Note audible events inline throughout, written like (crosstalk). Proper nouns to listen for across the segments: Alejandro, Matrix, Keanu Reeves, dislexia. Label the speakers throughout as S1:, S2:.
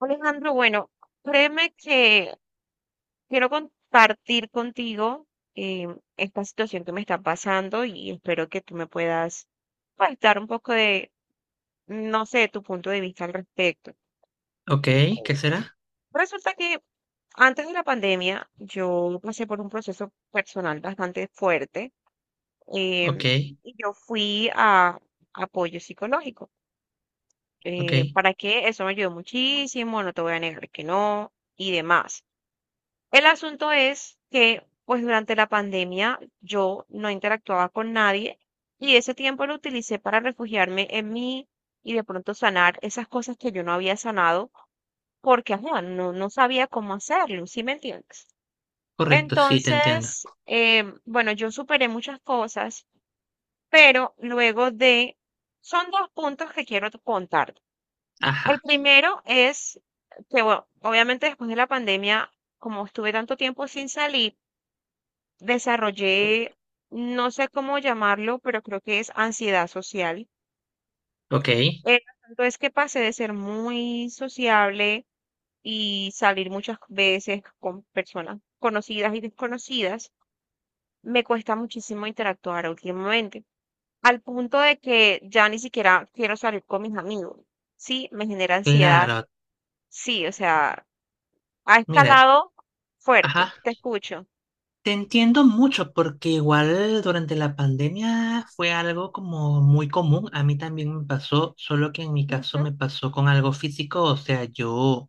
S1: Alejandro, bueno, créeme que quiero compartir contigo eh, esta situación que me está pasando y espero que tú me puedas pues, dar un poco de, no sé, tu punto de vista al respecto.
S2: Ok, ¿qué
S1: Em,
S2: será?
S1: Resulta que antes de la pandemia yo pasé por un proceso personal bastante fuerte em,
S2: Ok,
S1: y yo fui a apoyo psicológico
S2: ok,
S1: ¿para qué? Eso me ayudó muchísimo, no te voy a negar que no, y demás. El asunto es que, pues durante la pandemia yo no interactuaba con nadie y ese tiempo lo utilicé para refugiarme en mí y de pronto sanar esas cosas que yo no había sanado porque, ajá, no sabía cómo hacerlo, ¿sí me entiendes?
S2: correcto, sí, te entiendo.
S1: Entonces, bueno, yo superé muchas cosas, pero luego de... Son dos puntos que quiero contar. El
S2: Ajá,
S1: primero es que, bueno, obviamente después de la pandemia, como estuve tanto tiempo sin salir, desarrollé, no sé cómo llamarlo, pero creo que es ansiedad social.
S2: ok,
S1: El asunto es que pasé de ser muy sociable y salir muchas veces con personas conocidas y desconocidas. Me cuesta muchísimo interactuar últimamente, al punto de que ya ni siquiera quiero salir con mis amigos. Sí, me genera ansiedad.
S2: claro,
S1: Sí, o sea, ha
S2: mira,
S1: escalado fuerte,
S2: ajá,
S1: te escucho.
S2: te entiendo mucho porque igual durante la pandemia fue algo como muy común, a mí también me pasó, solo que en mi caso me pasó con algo físico. O sea, yo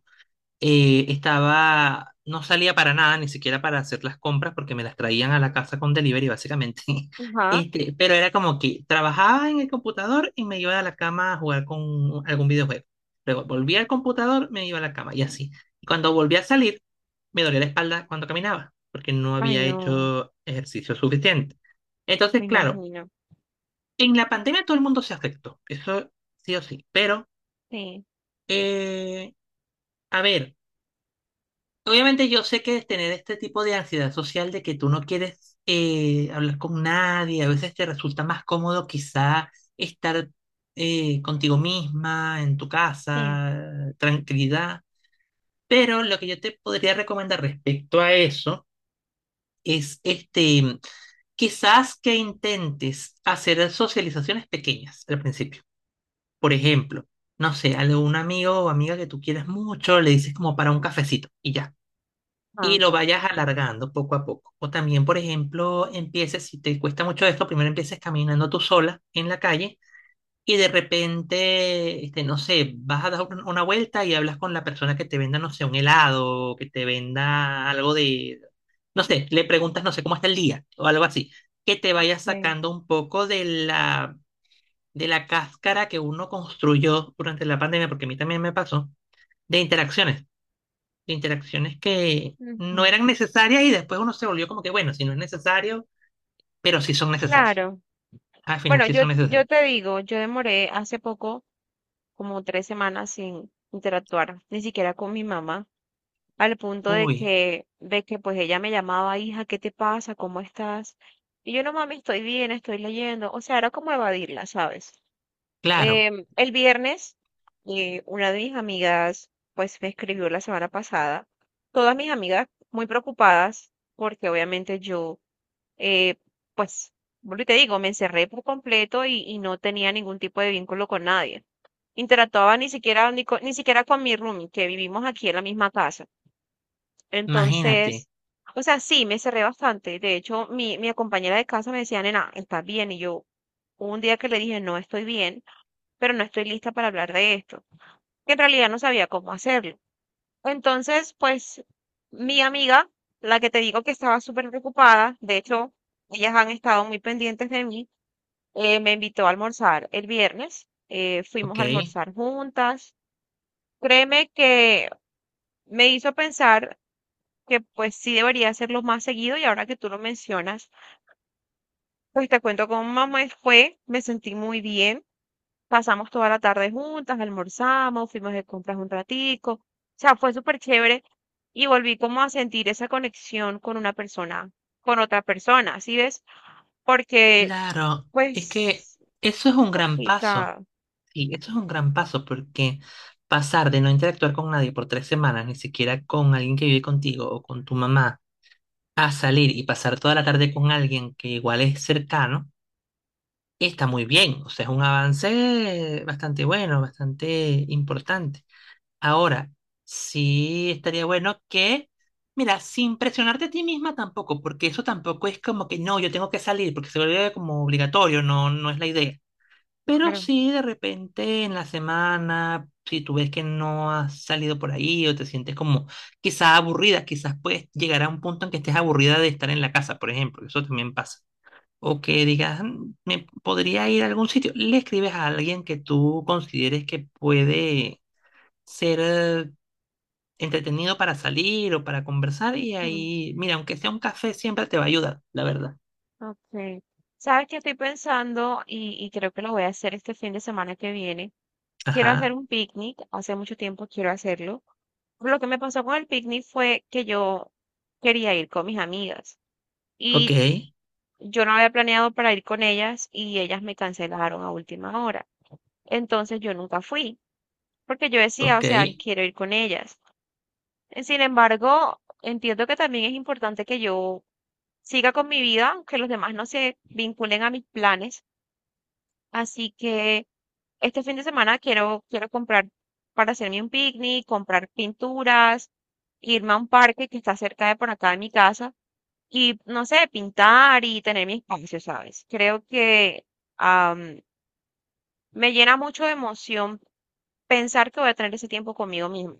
S2: estaba, no salía para nada, ni siquiera para hacer las compras, porque me las traían a la casa con delivery, básicamente. (laughs)
S1: Ujú, ajá.
S2: Este, pero era como que trabajaba en el computador y me iba a la cama a jugar con algún videojuego. Luego volvía al computador, me iba a la cama y así. Y cuando volví a salir, me dolía la espalda cuando caminaba, porque no
S1: Ay,
S2: había
S1: no,
S2: hecho ejercicio suficiente.
S1: me
S2: Entonces, claro,
S1: imagino.
S2: en la pandemia todo el mundo se afectó, eso sí o sí. Pero,
S1: Sí,
S2: eh, a ver. Obviamente yo sé que tener este tipo de ansiedad social, de que tú no quieres hablar con nadie, a veces te resulta más cómodo quizá estar contigo misma, en tu
S1: sí.
S2: casa, tranquilidad. Pero lo que yo te podría recomendar respecto a eso es este, quizás que intentes hacer socializaciones pequeñas al principio. Por ejemplo, no sé, a un amigo o amiga que tú quieras mucho, le dices como para un cafecito y ya, y
S1: Ah,
S2: lo vayas alargando poco a poco. O también, por ejemplo, empieces, si te cuesta mucho esto, primero empieces caminando tú sola en la calle y de repente, este, no sé, vas a dar una vuelta y hablas con la persona que te venda, no sé, un helado, que te venda algo de, no sé, le preguntas, no sé, cómo está el día o algo así, que te vayas
S1: sí.
S2: sacando un poco de la cáscara que uno construyó durante la pandemia, porque a mí también me pasó, de interacciones de interacciones que no
S1: Ujú,
S2: eran necesarias y después uno se volvió como que, bueno, si no es necesario, pero sí son necesarias.
S1: claro.
S2: Al final
S1: Bueno,
S2: sí
S1: yo,
S2: son
S1: yo
S2: necesarias.
S1: te digo, yo demoré hace poco como 3 semanas sin interactuar, ni siquiera con mi mamá, al punto de
S2: Uy,
S1: que, pues ella me llamaba, hija, ¿qué te pasa? ¿Cómo estás? Y yo no, mami, estoy bien, estoy leyendo. O sea, era como evadirla, ¿sabes?
S2: claro,
S1: El viernes, una de mis amigas, pues me escribió la semana pasada, todas mis amigas muy preocupadas, porque obviamente yo, eh, pues, vuelvo y te digo, me encerré por completo y no tenía ningún tipo de vínculo con nadie. Interactuaba ni siquiera, ni, ni siquiera con mi roomie, que vivimos aquí en la misma casa.
S2: imagínate.
S1: Entonces, o sea, sí, me encerré bastante. De hecho, mi compañera de casa me decía, nena, ¿estás bien? Y yo, hubo un día que le dije, no estoy bien pero no estoy lista para hablar de esto, que en realidad no sabía cómo hacerlo. Entonces, pues mi amiga, la que te digo que estaba súper preocupada, de hecho, ellas han estado muy pendientes de mí, me invitó a almorzar el viernes, fuimos
S2: ¿Ok?
S1: a almorzar juntas. Créeme que me hizo pensar que pues sí debería hacerlo más seguido y ahora que tú lo mencionas, pues te cuento cómo me fue, me sentí muy bien. Pasamos toda la tarde juntas, almorzamos, fuimos de compras un ratico. O sea, fue súper chévere y volví como a sentir esa conexión con una persona, con otra persona, ¿sí ves? Porque,
S2: Claro, es que
S1: pues,
S2: eso es
S1: es
S2: un gran paso.
S1: complicado.
S2: Sí, eso es un gran paso, porque pasar de no interactuar con nadie por 3 semanas, ni siquiera con alguien que vive contigo o con tu mamá, a salir y pasar toda la tarde con alguien que igual es cercano. Y está muy bien, o sea, es un avance bastante bueno, bastante importante. Ahora, sí estaría bueno que, mira, sin presionarte a ti misma tampoco, porque eso tampoco es como que no, yo tengo que salir, porque se vuelve como obligatorio. No, no es la idea. Pero
S1: Claro.
S2: sí, de repente en la semana, si tú ves que no has salido por ahí o te sientes como quizás aburrida, quizás puedes llegar a un punto en que estés aburrida de estar en la casa, por ejemplo. Eso también pasa, o que digas: "Mm, me podría ir a algún sitio", le escribes a alguien que tú consideres que puede ser entretenido para salir o para conversar. Y
S1: Ujú,
S2: ahí, mira, aunque sea un café, siempre te va a ayudar, la verdad.
S1: ok. ¿Sabes qué estoy pensando? Y creo que lo voy a hacer este fin de semana que viene. Quiero hacer
S2: Ajá,
S1: un picnic. Hace mucho tiempo quiero hacerlo. Lo que me pasó con el picnic fue que yo quería ir con mis amigas.
S2: ok,
S1: Y yo no había planeado para ir con ellas y ellas me cancelaron a última hora. Entonces yo nunca fui, porque yo decía, o
S2: ok.
S1: sea, quiero ir con ellas. Sin embargo, entiendo que también es importante que yo siga con mi vida, que los demás no se vinculen a mis planes. Así que este fin de semana quiero comprar para hacerme un picnic, comprar pinturas, irme a un parque que está cerca de por acá de mi casa y, no sé, pintar y tener mi espacio, ¿sabes? Creo que am, me llena mucho de emoción pensar que voy a tener ese tiempo conmigo misma.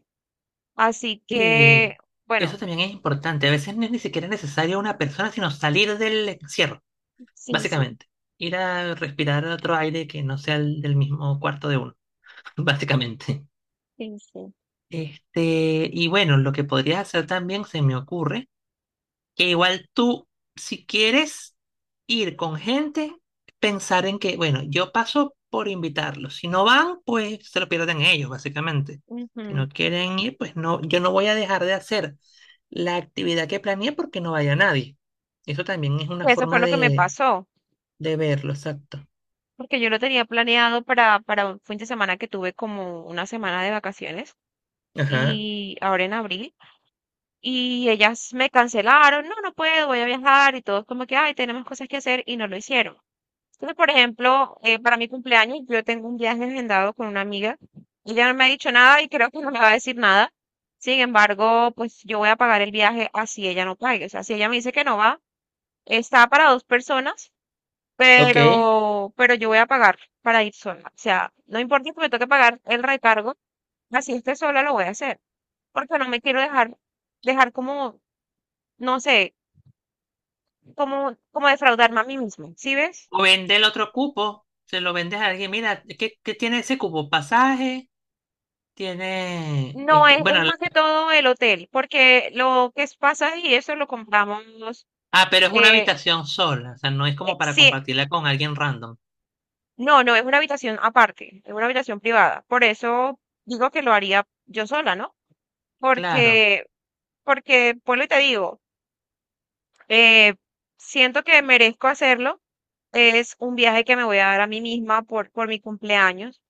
S1: Así que,
S2: Y eso
S1: bueno,
S2: también es importante. A veces no es ni siquiera necesario una persona, sino salir del encierro,
S1: sí, sí,
S2: básicamente. Ir a respirar otro aire que no sea el del mismo cuarto de uno, (laughs) básicamente.
S1: sí, sí.
S2: Este, y bueno, lo que podrías hacer también, se me ocurre, que igual tú, si quieres ir con gente, pensar en que, bueno, yo paso por invitarlos. Si no van, pues se lo pierden ellos, básicamente. Si
S1: Ujú.
S2: no quieren ir, pues no, yo no voy a dejar de hacer la actividad que planeé porque no vaya nadie. Eso también es una
S1: Eso fue
S2: forma
S1: lo que me pasó,
S2: de verlo, exacto.
S1: porque yo lo tenía planeado para un fin de semana que tuve como una semana de vacaciones
S2: Ajá,
S1: y ahora en abril. Y ellas me cancelaron, no, no puedo, voy a viajar y todos como que, ay, tenemos cosas que hacer y no lo hicieron. Entonces, por ejemplo, para mi cumpleaños yo tengo un viaje agendado con una amiga. Ella no me ha dicho nada y creo que no me va a decir nada. Sin embargo, pues yo voy a pagar el viaje así ella no pague. O sea, si ella me dice que no va, está para dos personas,
S2: ok.
S1: pero yo voy a pagar para ir sola. O sea, no importa que me toque pagar el recargo, así esté sola lo voy a hacer. Porque no me quiero dejar como, no sé, como defraudarme a mí misma. ¿Sí ves?
S2: O vende el otro cupo, se lo vendes a alguien, mira. ¿Qué tiene ese cupo? Pasaje. Tiene,
S1: No,
S2: este,
S1: es
S2: bueno,
S1: más que todo el hotel, porque lo que es pasaje y eso lo compramos,
S2: ah, pero es una
S1: eh,
S2: habitación sola, o sea, no es como para
S1: sí,
S2: compartirla con alguien random.
S1: no, no, es una habitación aparte, es una habitación privada. Por eso digo que lo haría yo sola, ¿no?
S2: Claro,
S1: Porque, porque, pues lo te digo, eh, siento que merezco hacerlo. Es un viaje que me voy a dar a mí misma por mi cumpleaños.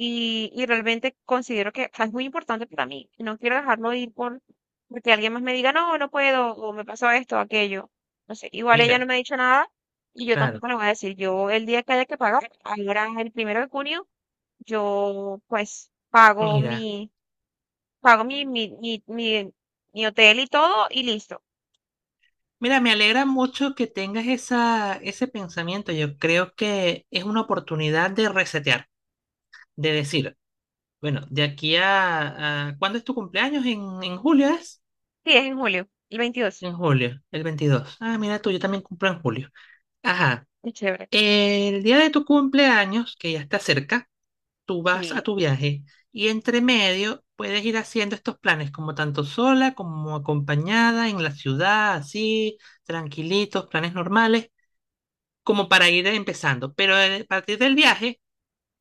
S1: Y realmente considero que, o sea, es muy importante para mí. No quiero dejarlo ir por, porque alguien más me diga, no, no puedo, o me pasó esto, aquello. No sé, igual ella no
S2: mira,
S1: me ha dicho nada y yo
S2: claro,
S1: tampoco le voy a decir. Yo, el día que haya que pagar, ahora el primero de junio, yo pues pago
S2: mira.
S1: mi, pago mi, mi, mi, mi, mi hotel y todo y listo.
S2: Mira, me alegra mucho que tengas esa, ese pensamiento. Yo creo que es una oportunidad de resetear, de decir, bueno, de aquí ¿cuándo es tu cumpleaños? ¿En julio es?
S1: Sí, es en julio, el 22.
S2: En julio, el 22. Ah, mira tú, yo también cumplo en julio. Ajá.
S1: Qué chévere.
S2: El día de tu cumpleaños, que ya está cerca, tú vas a
S1: Sí,
S2: tu viaje, y entre medio puedes ir haciendo estos planes, como tanto sola como acompañada en la ciudad, así, tranquilitos, planes normales, como para ir empezando. Pero, a partir del viaje,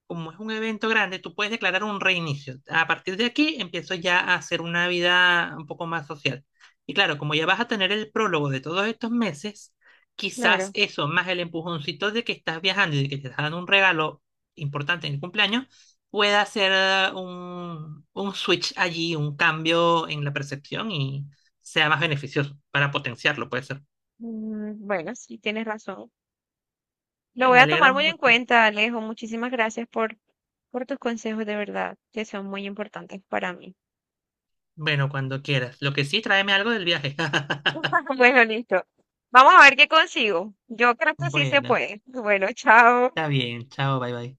S2: como es un evento grande, tú puedes declarar un reinicio. A partir de aquí empiezo ya a hacer una vida un poco más social. Y claro, como ya vas a tener el prólogo de todos estos meses, quizás
S1: claro.
S2: eso, más el empujoncito de que estás viajando y de que te están dando un regalo importante en el cumpleaños, pueda hacer un switch allí, un cambio en la percepción, y sea más beneficioso para potenciarlo, puede ser.
S1: Mm, bueno, sí, tienes razón. Lo voy
S2: Me
S1: a
S2: alegra
S1: tomar muy en
S2: mucho.
S1: cuenta, Alejo. Muchísimas gracias por tus consejos, de verdad, que son muy importantes para mí.
S2: Bueno, cuando quieras. Lo que sí, tráeme algo del viaje. (laughs)
S1: (laughs) Bueno, listo. Vamos a ver qué consigo. Yo creo que sí se
S2: Bueno.
S1: puede. Bueno, chao.
S2: Está bien, chao, bye bye.